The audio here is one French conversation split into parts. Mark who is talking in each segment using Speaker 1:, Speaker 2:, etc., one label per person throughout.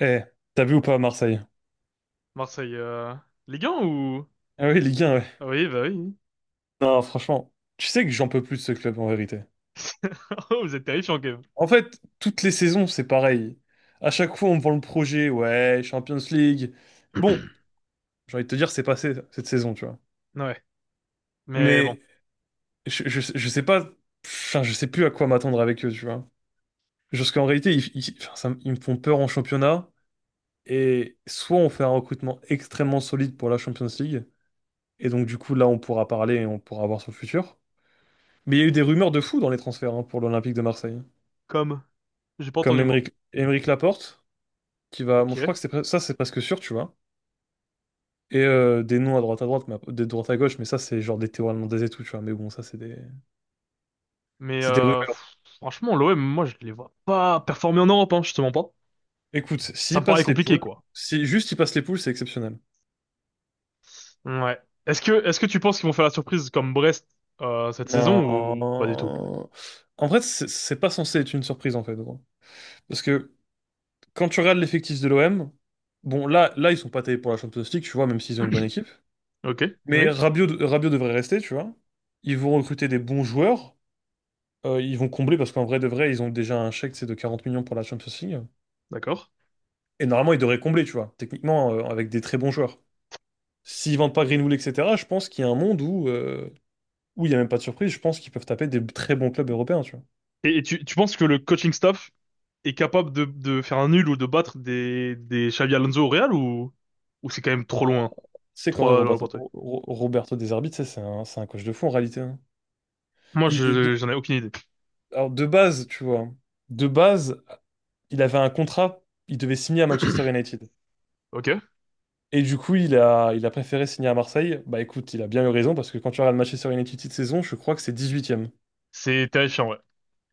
Speaker 1: Eh, t'as vu ou pas Marseille?
Speaker 2: Marseille, Ligue 1 ou...
Speaker 1: Ah oui, Ligue 1, ouais.
Speaker 2: Ah oui, oui.
Speaker 1: Non, franchement, tu sais que j'en peux plus de ce club en vérité.
Speaker 2: Oh, vous êtes terrifiant, quand même.
Speaker 1: En fait, toutes les saisons, c'est pareil. À chaque fois, on me vend le projet, ouais, Champions League. Bon, j'ai envie de te dire, c'est passé cette saison, tu vois.
Speaker 2: Ouais. Mais bon.
Speaker 1: Mais je sais pas, enfin, je sais plus à quoi m'attendre avec eux, tu vois. Parce qu'en réalité, enfin, ils me font peur en championnat. Et soit on fait un recrutement extrêmement solide pour la Champions League. Et donc, du coup, là, on pourra parler et on pourra voir son futur. Mais il y a eu des rumeurs de fou dans les transferts hein, pour l'Olympique de Marseille.
Speaker 2: Comme. J'ai pas
Speaker 1: Comme
Speaker 2: entendu moi.
Speaker 1: Émeric Laporte, qui va. Bon,
Speaker 2: Ok.
Speaker 1: je crois que ça, c'est presque sûr, tu vois. Et des noms à droite, mais de droite à gauche, mais ça, c'est genre des Théo Hernandez et tout, tu vois. Mais bon, ça, c'est des
Speaker 2: Mais
Speaker 1: c'est des rumeurs.
Speaker 2: pff, franchement, l'OM, moi, je les vois pas performer en Europe, hein, je te mens pas.
Speaker 1: Écoute,
Speaker 2: Ça
Speaker 1: s'il
Speaker 2: me paraît
Speaker 1: passe les
Speaker 2: compliqué,
Speaker 1: poules,
Speaker 2: quoi.
Speaker 1: si juste il passe les poules, c'est exceptionnel.
Speaker 2: Ouais. Est-ce que tu penses qu'ils vont faire la surprise comme Brest cette saison ou pas du tout?
Speaker 1: Non. En fait, c'est pas censé être une surprise, en fait, gros. Parce que quand tu regardes l'effectif de l'OM, bon, là, ils sont pas taillés pour la Champions League, tu vois, même s'ils ont une bonne équipe.
Speaker 2: Ok.
Speaker 1: Mais
Speaker 2: Oui.
Speaker 1: Rabiot devrait rester, tu vois. Ils vont recruter des bons joueurs. Ils vont combler parce qu'en vrai de vrai, ils ont déjà un chèque, c'est de 40 millions pour la Champions League.
Speaker 2: D'accord.
Speaker 1: Et normalement, ils devraient combler, tu vois, techniquement, avec des très bons joueurs. S'ils vendent pas Greenwood, etc., je pense qu'il y a un monde où, où il n'y a même pas de surprise. Je pense qu'ils peuvent taper des très bons clubs européens, tu vois.
Speaker 2: Et tu penses que le coaching staff est capable de faire un nul ou de battre des Xavi Alonso au Real ou c'est quand même trop
Speaker 1: Bah,
Speaker 2: loin?
Speaker 1: c'est qu'en vrai,
Speaker 2: Trois lois pour toi.
Speaker 1: Roberto De Zerbi, tu sais, c'est un coach de fou en réalité, hein.
Speaker 2: Moi,
Speaker 1: Il- il-
Speaker 2: je,
Speaker 1: de,
Speaker 2: j'en ai aucune idée.
Speaker 1: alors, de base, tu vois, de base, il avait un contrat, il devait signer à Manchester United.
Speaker 2: Ok.
Speaker 1: Et du coup, il a préféré signer à Marseille. Bah écoute, il a bien eu raison parce que quand tu regardes Manchester United cette saison, je crois que c'est dix-huitième.
Speaker 2: C'est terrifiant, ouais.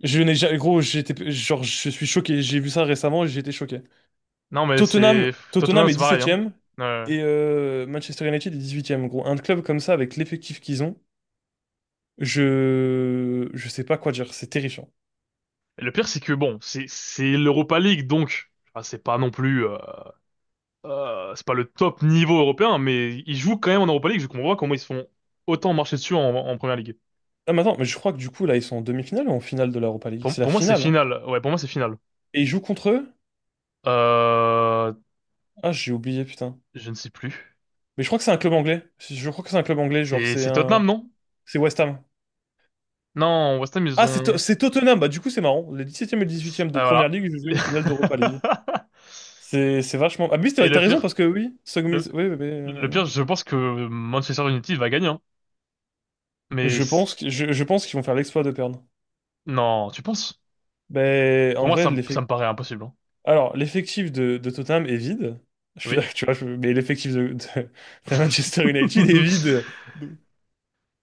Speaker 1: Je n'ai jamais, gros, je suis choqué. J'ai vu ça récemment et j'ai été choqué.
Speaker 2: Non, mais
Speaker 1: Tottenham,
Speaker 2: c'est...
Speaker 1: Tottenham
Speaker 2: Tottenham,
Speaker 1: est
Speaker 2: c'est pareil, hein.
Speaker 1: dix-septième
Speaker 2: Euh,
Speaker 1: et Manchester United est dix-huitième. Gros, un club comme ça avec l'effectif qu'ils ont, je sais pas quoi dire. C'est terrifiant.
Speaker 2: et le pire, c'est que, bon, c'est l'Europa League, donc... ah, c'est pas non plus... c'est pas le top niveau européen, mais ils jouent quand même en Europa League. Je comprends pas comment ils se font autant marcher dessus en, en Première Ligue.
Speaker 1: Ah, mais attends, mais je crois que du coup, là, ils sont en demi-finale ou en finale de l'Europa League? C'est la
Speaker 2: Pour moi, c'est
Speaker 1: finale, hein.
Speaker 2: final. Ouais, pour moi, c'est final.
Speaker 1: Et ils jouent contre eux?
Speaker 2: Euh,
Speaker 1: Ah, j'ai oublié, putain.
Speaker 2: je ne sais plus.
Speaker 1: Mais je crois que c'est un club anglais. Je crois que c'est un club anglais, genre,
Speaker 2: C'est
Speaker 1: c'est
Speaker 2: c'est Tottenham,
Speaker 1: un.
Speaker 2: non?
Speaker 1: C'est West Ham.
Speaker 2: Non, West Ham, ils
Speaker 1: Ah,
Speaker 2: ont...
Speaker 1: c'est Tottenham. Bah, du coup, c'est marrant. Les dix septième et dix huitième de
Speaker 2: Ah,
Speaker 1: Première
Speaker 2: voilà.
Speaker 1: Ligue, je joué une finale d'Europa League. C'est vachement. Ah, mais oui,
Speaker 2: Et
Speaker 1: t'as
Speaker 2: le
Speaker 1: raison
Speaker 2: pire...
Speaker 1: parce que oui,
Speaker 2: Le...
Speaker 1: Sogmis. Oui, oui, oui, oui,
Speaker 2: Le
Speaker 1: oui.
Speaker 2: pire, je pense que Manchester United va gagner, hein. Mais
Speaker 1: Je pense
Speaker 2: c-
Speaker 1: que, je pense qu'ils vont faire l'exploit de perdre.
Speaker 2: non, tu penses?
Speaker 1: Mais
Speaker 2: Pour
Speaker 1: en
Speaker 2: moi,
Speaker 1: vrai,
Speaker 2: ça
Speaker 1: l'effet.
Speaker 2: me paraît impossible, hein.
Speaker 1: Alors, l'effectif de Tottenham est vide. Je suis
Speaker 2: Oui.
Speaker 1: d'accord, tu vois, mais l'effectif de Manchester United est vide.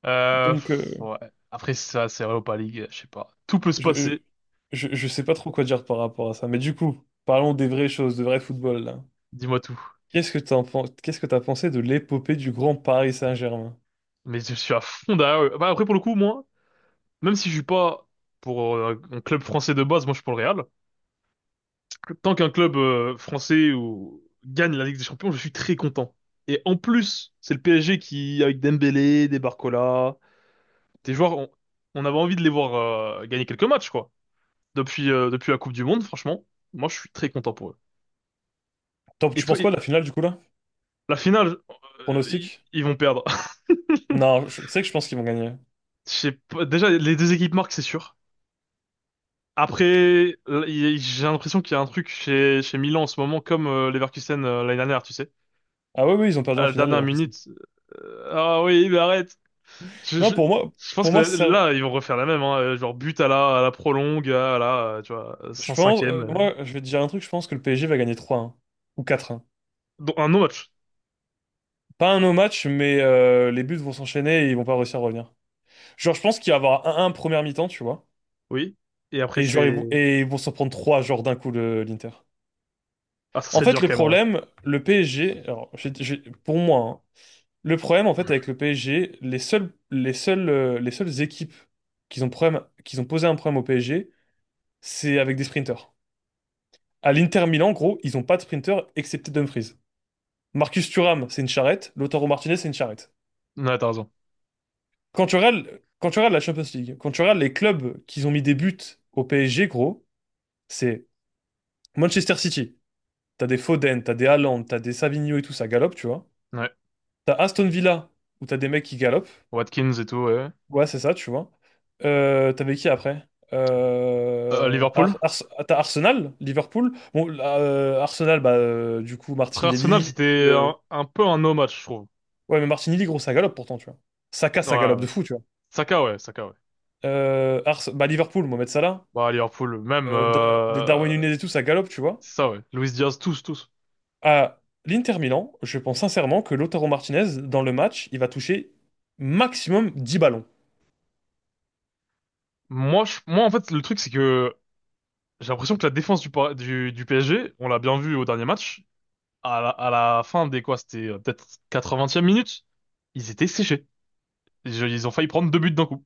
Speaker 1: Donc,
Speaker 2: Pff, ouais. Après, ça, c'est Europa League, je sais pas. Tout peut se
Speaker 1: je, je,
Speaker 2: passer,
Speaker 1: je sais pas trop quoi dire par rapport à ça. Mais du coup, parlons des vraies choses, de vrai football, là.
Speaker 2: dis-moi tout.
Speaker 1: Qu'est-ce que t'as pensé de l'épopée du grand Paris Saint-Germain?
Speaker 2: Mais je suis à fond derrière eux. Bah, après, pour le coup, moi, même si je suis pas pour un club français de base, moi, je suis pour le Real. Tant qu'un club français ou... gagne la Ligue des Champions, je suis très content. Et en plus, c'est le PSG qui, avec Dembélé, des Barcola, des joueurs, on avait envie de les voir gagner quelques matchs, quoi. Depuis, depuis la Coupe du Monde, franchement, moi, je suis très content pour eux. Et
Speaker 1: Tu
Speaker 2: toi,
Speaker 1: penses quoi
Speaker 2: et-
Speaker 1: de la finale du coup là?
Speaker 2: la finale, ils,
Speaker 1: Pronostic?
Speaker 2: ils vont perdre.
Speaker 1: Non, tu sais que je pense qu'ils vont gagner.
Speaker 2: Je sais pas, déjà, les deux équipes marquent, c'est sûr. Après, là, il- j'ai l'impression qu'il y a un truc chez, chez Milan en ce moment, comme Leverkusen l'année dernière, tu sais.
Speaker 1: Ah oui, oui, ils ont perdu
Speaker 2: À
Speaker 1: en
Speaker 2: la
Speaker 1: finale les
Speaker 2: dernière
Speaker 1: Leverkusen.
Speaker 2: minute, ah oui, mais arrête. Je,
Speaker 1: Non,
Speaker 2: je,
Speaker 1: pour moi,
Speaker 2: je pense
Speaker 1: pour
Speaker 2: que
Speaker 1: moi, c'est-
Speaker 2: là, là, ils vont refaire la même, hein. Genre but à la prolongue, à la, tu vois,
Speaker 1: je pense,
Speaker 2: 105e.
Speaker 1: moi, je vais te dire un truc, je pense que le PSG va gagner un ou un.
Speaker 2: Donc, un no
Speaker 1: Pas un no match, mais les buts vont s'enchaîner et ils vont pas réussir à revenir. Genre, je pense qu'il va y avoir un 1 première mi-temps, tu vois.
Speaker 2: oui. Et après,
Speaker 1: Et genre,
Speaker 2: c'est...
Speaker 1: et ils vont s'en prendre 3 genre d'un coup l'Inter.
Speaker 2: Ah, ça
Speaker 1: En
Speaker 2: serait
Speaker 1: fait,
Speaker 2: dur quand même, en vrai.
Speaker 1: le problème, le PSG, alors, pour moi, hein, le problème, en fait, avec le PSG, les seules équipes qui ont posé un problème au PSG, c'est avec des sprinters. À l'Inter Milan, en gros, ils n'ont pas de sprinter excepté Dumfries. Marcus Thuram, c'est une charrette. Lautaro Martinez, c'est une charrette.
Speaker 2: Ouais, t'as raison.
Speaker 1: Quand tu regardes la Champions League, quand tu regardes les clubs qui ont mis des buts au PSG, gros, c'est Manchester City. T'as des Foden, t'as des Haaland, t'as des Savigno et tout, ça galope, tu vois.
Speaker 2: Ouais.
Speaker 1: T'as Aston Villa, où t'as des mecs qui galopent.
Speaker 2: Watkins et tout, ouais.
Speaker 1: Ouais, c'est ça, tu vois. T'avais qui après?
Speaker 2: Liverpool.
Speaker 1: T'as Arsenal, Liverpool. Bon, là, Arsenal, bah, du coup,
Speaker 2: Après, Arsenal,
Speaker 1: Martinelli.
Speaker 2: c'était
Speaker 1: euh,
Speaker 2: un peu un no match, je trouve.
Speaker 1: Ouais, mais Martinelli, gros, ça galope pourtant, tu vois. Saka,
Speaker 2: Ouais,
Speaker 1: ça galope de
Speaker 2: ouais.
Speaker 1: fou, tu vois.
Speaker 2: Saka, ouais, Saka, ouais.
Speaker 1: Bah, Liverpool, Mohamed Salah.
Speaker 2: Bah, Liverpool, même...
Speaker 1: Des Darwin Nunez et tout, ça galope, tu vois.
Speaker 2: C'est ça, ouais. Luis Diaz, tous, tous.
Speaker 1: À l'Inter Milan, je pense sincèrement que Lautaro Martinez, dans le match, il va toucher maximum 10 ballons.
Speaker 2: Moi, je... Moi, en fait, le truc, c'est que j'ai l'impression que la défense du, Par- du PSG, on l'a bien vu au dernier match, à la fin des quoi, c'était peut-être quatre-vingtième minute, ils étaient séchés. Je- Ils ont failli prendre deux buts d'un coup.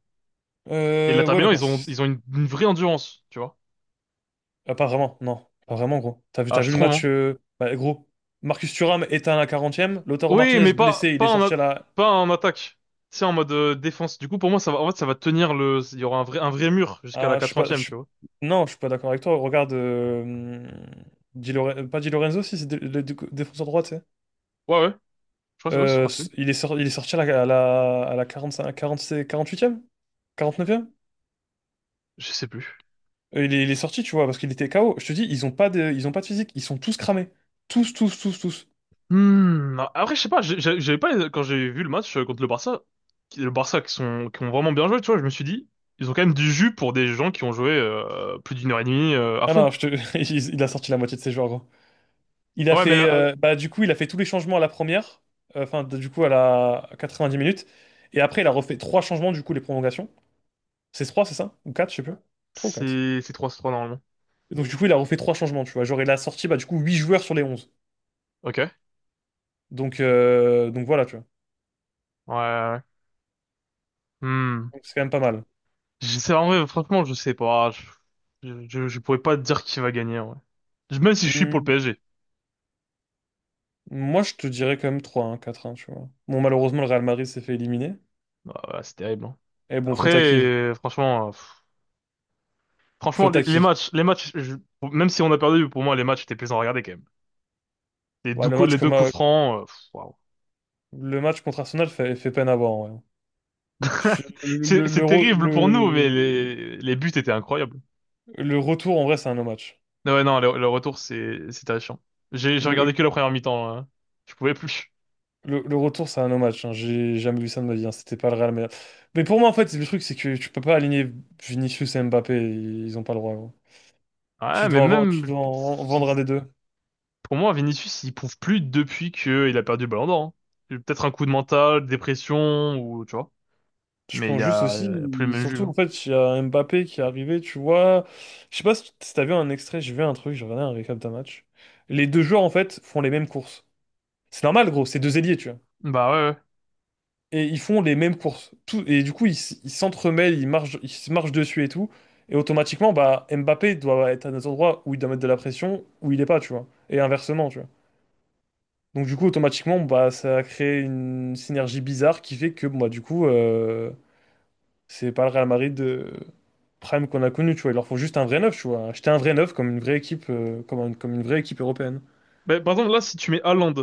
Speaker 2: Et la
Speaker 1: Ouais, mais
Speaker 2: terminant,
Speaker 1: parce
Speaker 2: ils ont une vraie endurance, tu vois.
Speaker 1: Ah, pas vraiment, non. Pas vraiment, gros.
Speaker 2: Ah,
Speaker 1: T'as
Speaker 2: je
Speaker 1: vu le
Speaker 2: trouve,
Speaker 1: match,
Speaker 2: hein.
Speaker 1: bah, gros. Marcus Thuram éteint à la quarantième. Lautaro
Speaker 2: Oui,
Speaker 1: Martinez
Speaker 2: mais pas,
Speaker 1: blessé, il
Speaker 2: pas
Speaker 1: est
Speaker 2: en, a-
Speaker 1: sorti à la.
Speaker 2: pas en attaque. C'est en mode défense. Du coup, pour moi, ça va, en fait, ça va tenir le, il y aura un vrai mur jusqu'à la
Speaker 1: À- je suis pas. Je
Speaker 2: 80e,
Speaker 1: suis-
Speaker 2: tu vois.
Speaker 1: Non, je suis pas d'accord avec toi. Regarde. Pas Di Lorenzo, si, c'est le défenseur droit, tu sais.
Speaker 2: Ouais, ouais. Je crois, que c'est- ouais, je crois que c'est lui.
Speaker 1: Il est sorti à la 45, 46 48e? 49e?
Speaker 2: Je sais plus.
Speaker 1: Il est sorti, tu vois, parce qu'il était KO. Je te dis, ils ont pas de physique. Ils sont tous cramés. Tous, tous, tous, tous.
Speaker 2: Hmm, non. Après, je sais pas, j'ai- j'avais pas, quand j'ai vu le match contre le Barça qui sont, qui ont vraiment bien joué, tu vois, je me suis dit, ils ont quand même du jus pour des gens qui ont joué, plus d'une heure et demie, à
Speaker 1: Ah
Speaker 2: fond.
Speaker 1: non, je te il a sorti la moitié de ses joueurs, gros. Il a
Speaker 2: Ouais, mais,
Speaker 1: fait, bah, du coup, il a fait tous les changements à la première, enfin, du coup, à la à 90 minutes. Et après, il a refait trois changements, du coup, les prolongations. C'est trois, c'est ça? Ou quatre, je sais plus. Trois ou quatre.
Speaker 2: c'est 3 trois normalement.
Speaker 1: Et donc, du coup, il a refait trois changements, tu vois. Genre, il a sorti, bah, du coup, huit joueurs sur les onze.
Speaker 2: Ok. Ouais,
Speaker 1: Donc voilà, tu vois.
Speaker 2: ouais, ouais. Hmm.
Speaker 1: Donc, c'est quand même pas mal.
Speaker 2: Je sais, en vrai, franchement, je sais pas. Je pourrais pas te dire qui va gagner, ouais. Même si je suis pour le
Speaker 1: Hmm,
Speaker 2: PSG.
Speaker 1: Moi, je te dirais quand même trois un quatre un tu vois. Bon, malheureusement, le Real Madrid s'est fait éliminer.
Speaker 2: Ah, ouais, c'est terrible, hein.
Speaker 1: Et bon,
Speaker 2: Après,
Speaker 1: faute à qui?
Speaker 2: franchement, pff, franchement,
Speaker 1: Faute à qui?
Speaker 2: les matchs, je- même si on a perdu, pour moi, les matchs étaient plaisants à regarder quand même.
Speaker 1: Ouais,
Speaker 2: Les deux coups francs, pff, waouh.
Speaker 1: le match contre Arsenal fait peine à voir, en vrai. Je- le, le, le,
Speaker 2: C'est
Speaker 1: re-
Speaker 2: terrible pour nous, mais
Speaker 1: le-
Speaker 2: les buts étaient incroyables.
Speaker 1: Le retour, en vrai, c'est un no match.
Speaker 2: Non, ouais, non, le retour, c'est terrifiant. J'ai
Speaker 1: Le,
Speaker 2: regardé que la première mi-temps, là. Je pouvais plus.
Speaker 1: le retour, c'est un no match, hein. J'ai jamais vu ça de ma vie, hein. C'était pas le Real Madrid. Mais pour moi, en fait, le truc, c'est que tu peux pas aligner Vinicius et Mbappé. Ils ont pas le droit, gros.
Speaker 2: Ouais, mais
Speaker 1: Tu
Speaker 2: même,
Speaker 1: dois en vendre un des deux.
Speaker 2: pour moi, Vinicius, il prouve plus depuis que il a perdu le Ballon d'Or, hein. Peut-être un coup de mental, dépression, ou tu vois.
Speaker 1: Je
Speaker 2: Mais
Speaker 1: pense juste aussi,
Speaker 2: il y a plus le même jus,
Speaker 1: surtout en
Speaker 2: hein.
Speaker 1: fait, il y a Mbappé qui est arrivé, tu vois. Je sais pas si t'as vu un extrait, j'ai vu un truc, j'ai regardé un récap d'un match. Les deux joueurs, en fait, font les mêmes courses. C'est normal, gros, c'est deux ailiers, tu vois.
Speaker 2: Bah ouais, ouais.
Speaker 1: Et ils font les mêmes courses. Tout, et du coup, ils s'entremêlent, ils marchent, ils se marchent dessus et tout. Et automatiquement, bah, Mbappé doit être à des endroits où il doit mettre de la pression, où il est pas, tu vois. Et inversement, tu vois. Donc du coup, automatiquement, bah, ça a créé une synergie bizarre qui fait que, bon, bah, du coup, c'est pas le Real Madrid de Prime qu'on a connu, tu vois. Il leur faut juste un vrai neuf, tu vois. Acheter un vrai neuf comme une vraie équipe, comme, comme une vraie équipe européenne.
Speaker 2: Bah, par exemple, là, si tu mets Haaland,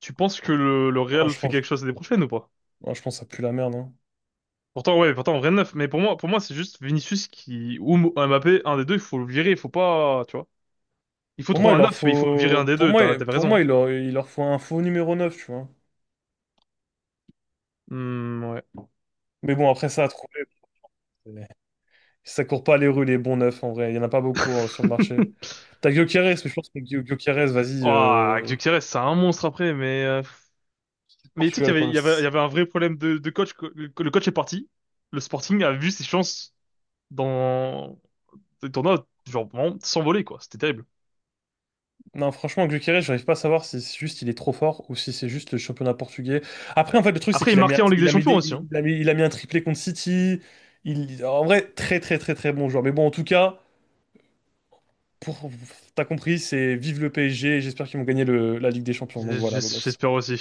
Speaker 2: tu penses que le
Speaker 1: Ah,
Speaker 2: Real
Speaker 1: je
Speaker 2: fait
Speaker 1: pense,
Speaker 2: quelque chose l'année prochaine ou pas?
Speaker 1: ah, je pense que ça pue la merde, hein.
Speaker 2: Pourtant, ouais, pourtant, rien de neuf. Mais pour moi, c'est juste Vinicius qui, ou Mo- Mbappé, un des deux, il faut le virer, il faut pas, tu vois. Il faut
Speaker 1: Pour
Speaker 2: trouver
Speaker 1: moi, il
Speaker 2: un
Speaker 1: leur
Speaker 2: neuf, mais il faut virer un
Speaker 1: faut,
Speaker 2: des deux, t'as, t'avais
Speaker 1: pour moi,
Speaker 2: raison.
Speaker 1: il leur faut un faux numéro 9, tu vois.
Speaker 2: Hmm, ouais.
Speaker 1: Mais bon, après ça, à trouver, euh, ça court pas les rues, les bons neufs, en vrai. Il y en a pas beaucoup sur le marché. T'as Gyökeres, mais je pense que Gyökeres, vas-y,
Speaker 2: Ouah, Gyökeres, c'est un monstre après, mais, mais tu sais qu'il
Speaker 1: Portugal,
Speaker 2: y avait, il
Speaker 1: quoi.
Speaker 2: y avait, il y avait un vrai problème de coach. Que- que le coach est parti. Le Sporting a vu ses chances dans le tournoi, genre, vraiment, s'envoler, quoi. C'était terrible.
Speaker 1: Non, franchement, Gyökeres, j'arrive pas à savoir si c'est juste il est trop fort ou si c'est juste le championnat portugais. Après, en fait, le truc, c'est
Speaker 2: Après, il
Speaker 1: qu'
Speaker 2: marquait en Ligue des Champions aussi, hein.
Speaker 1: il a mis un triplé contre City. Il, en vrai, très, très, très, très bon joueur. Mais bon, en tout cas, pour, t'as compris, c'est vive le PSG. J'espère qu'ils vont gagner la Ligue des Champions. Donc
Speaker 2: J'es-
Speaker 1: voilà, beau
Speaker 2: j'es-
Speaker 1: gosse.
Speaker 2: J'espère aussi.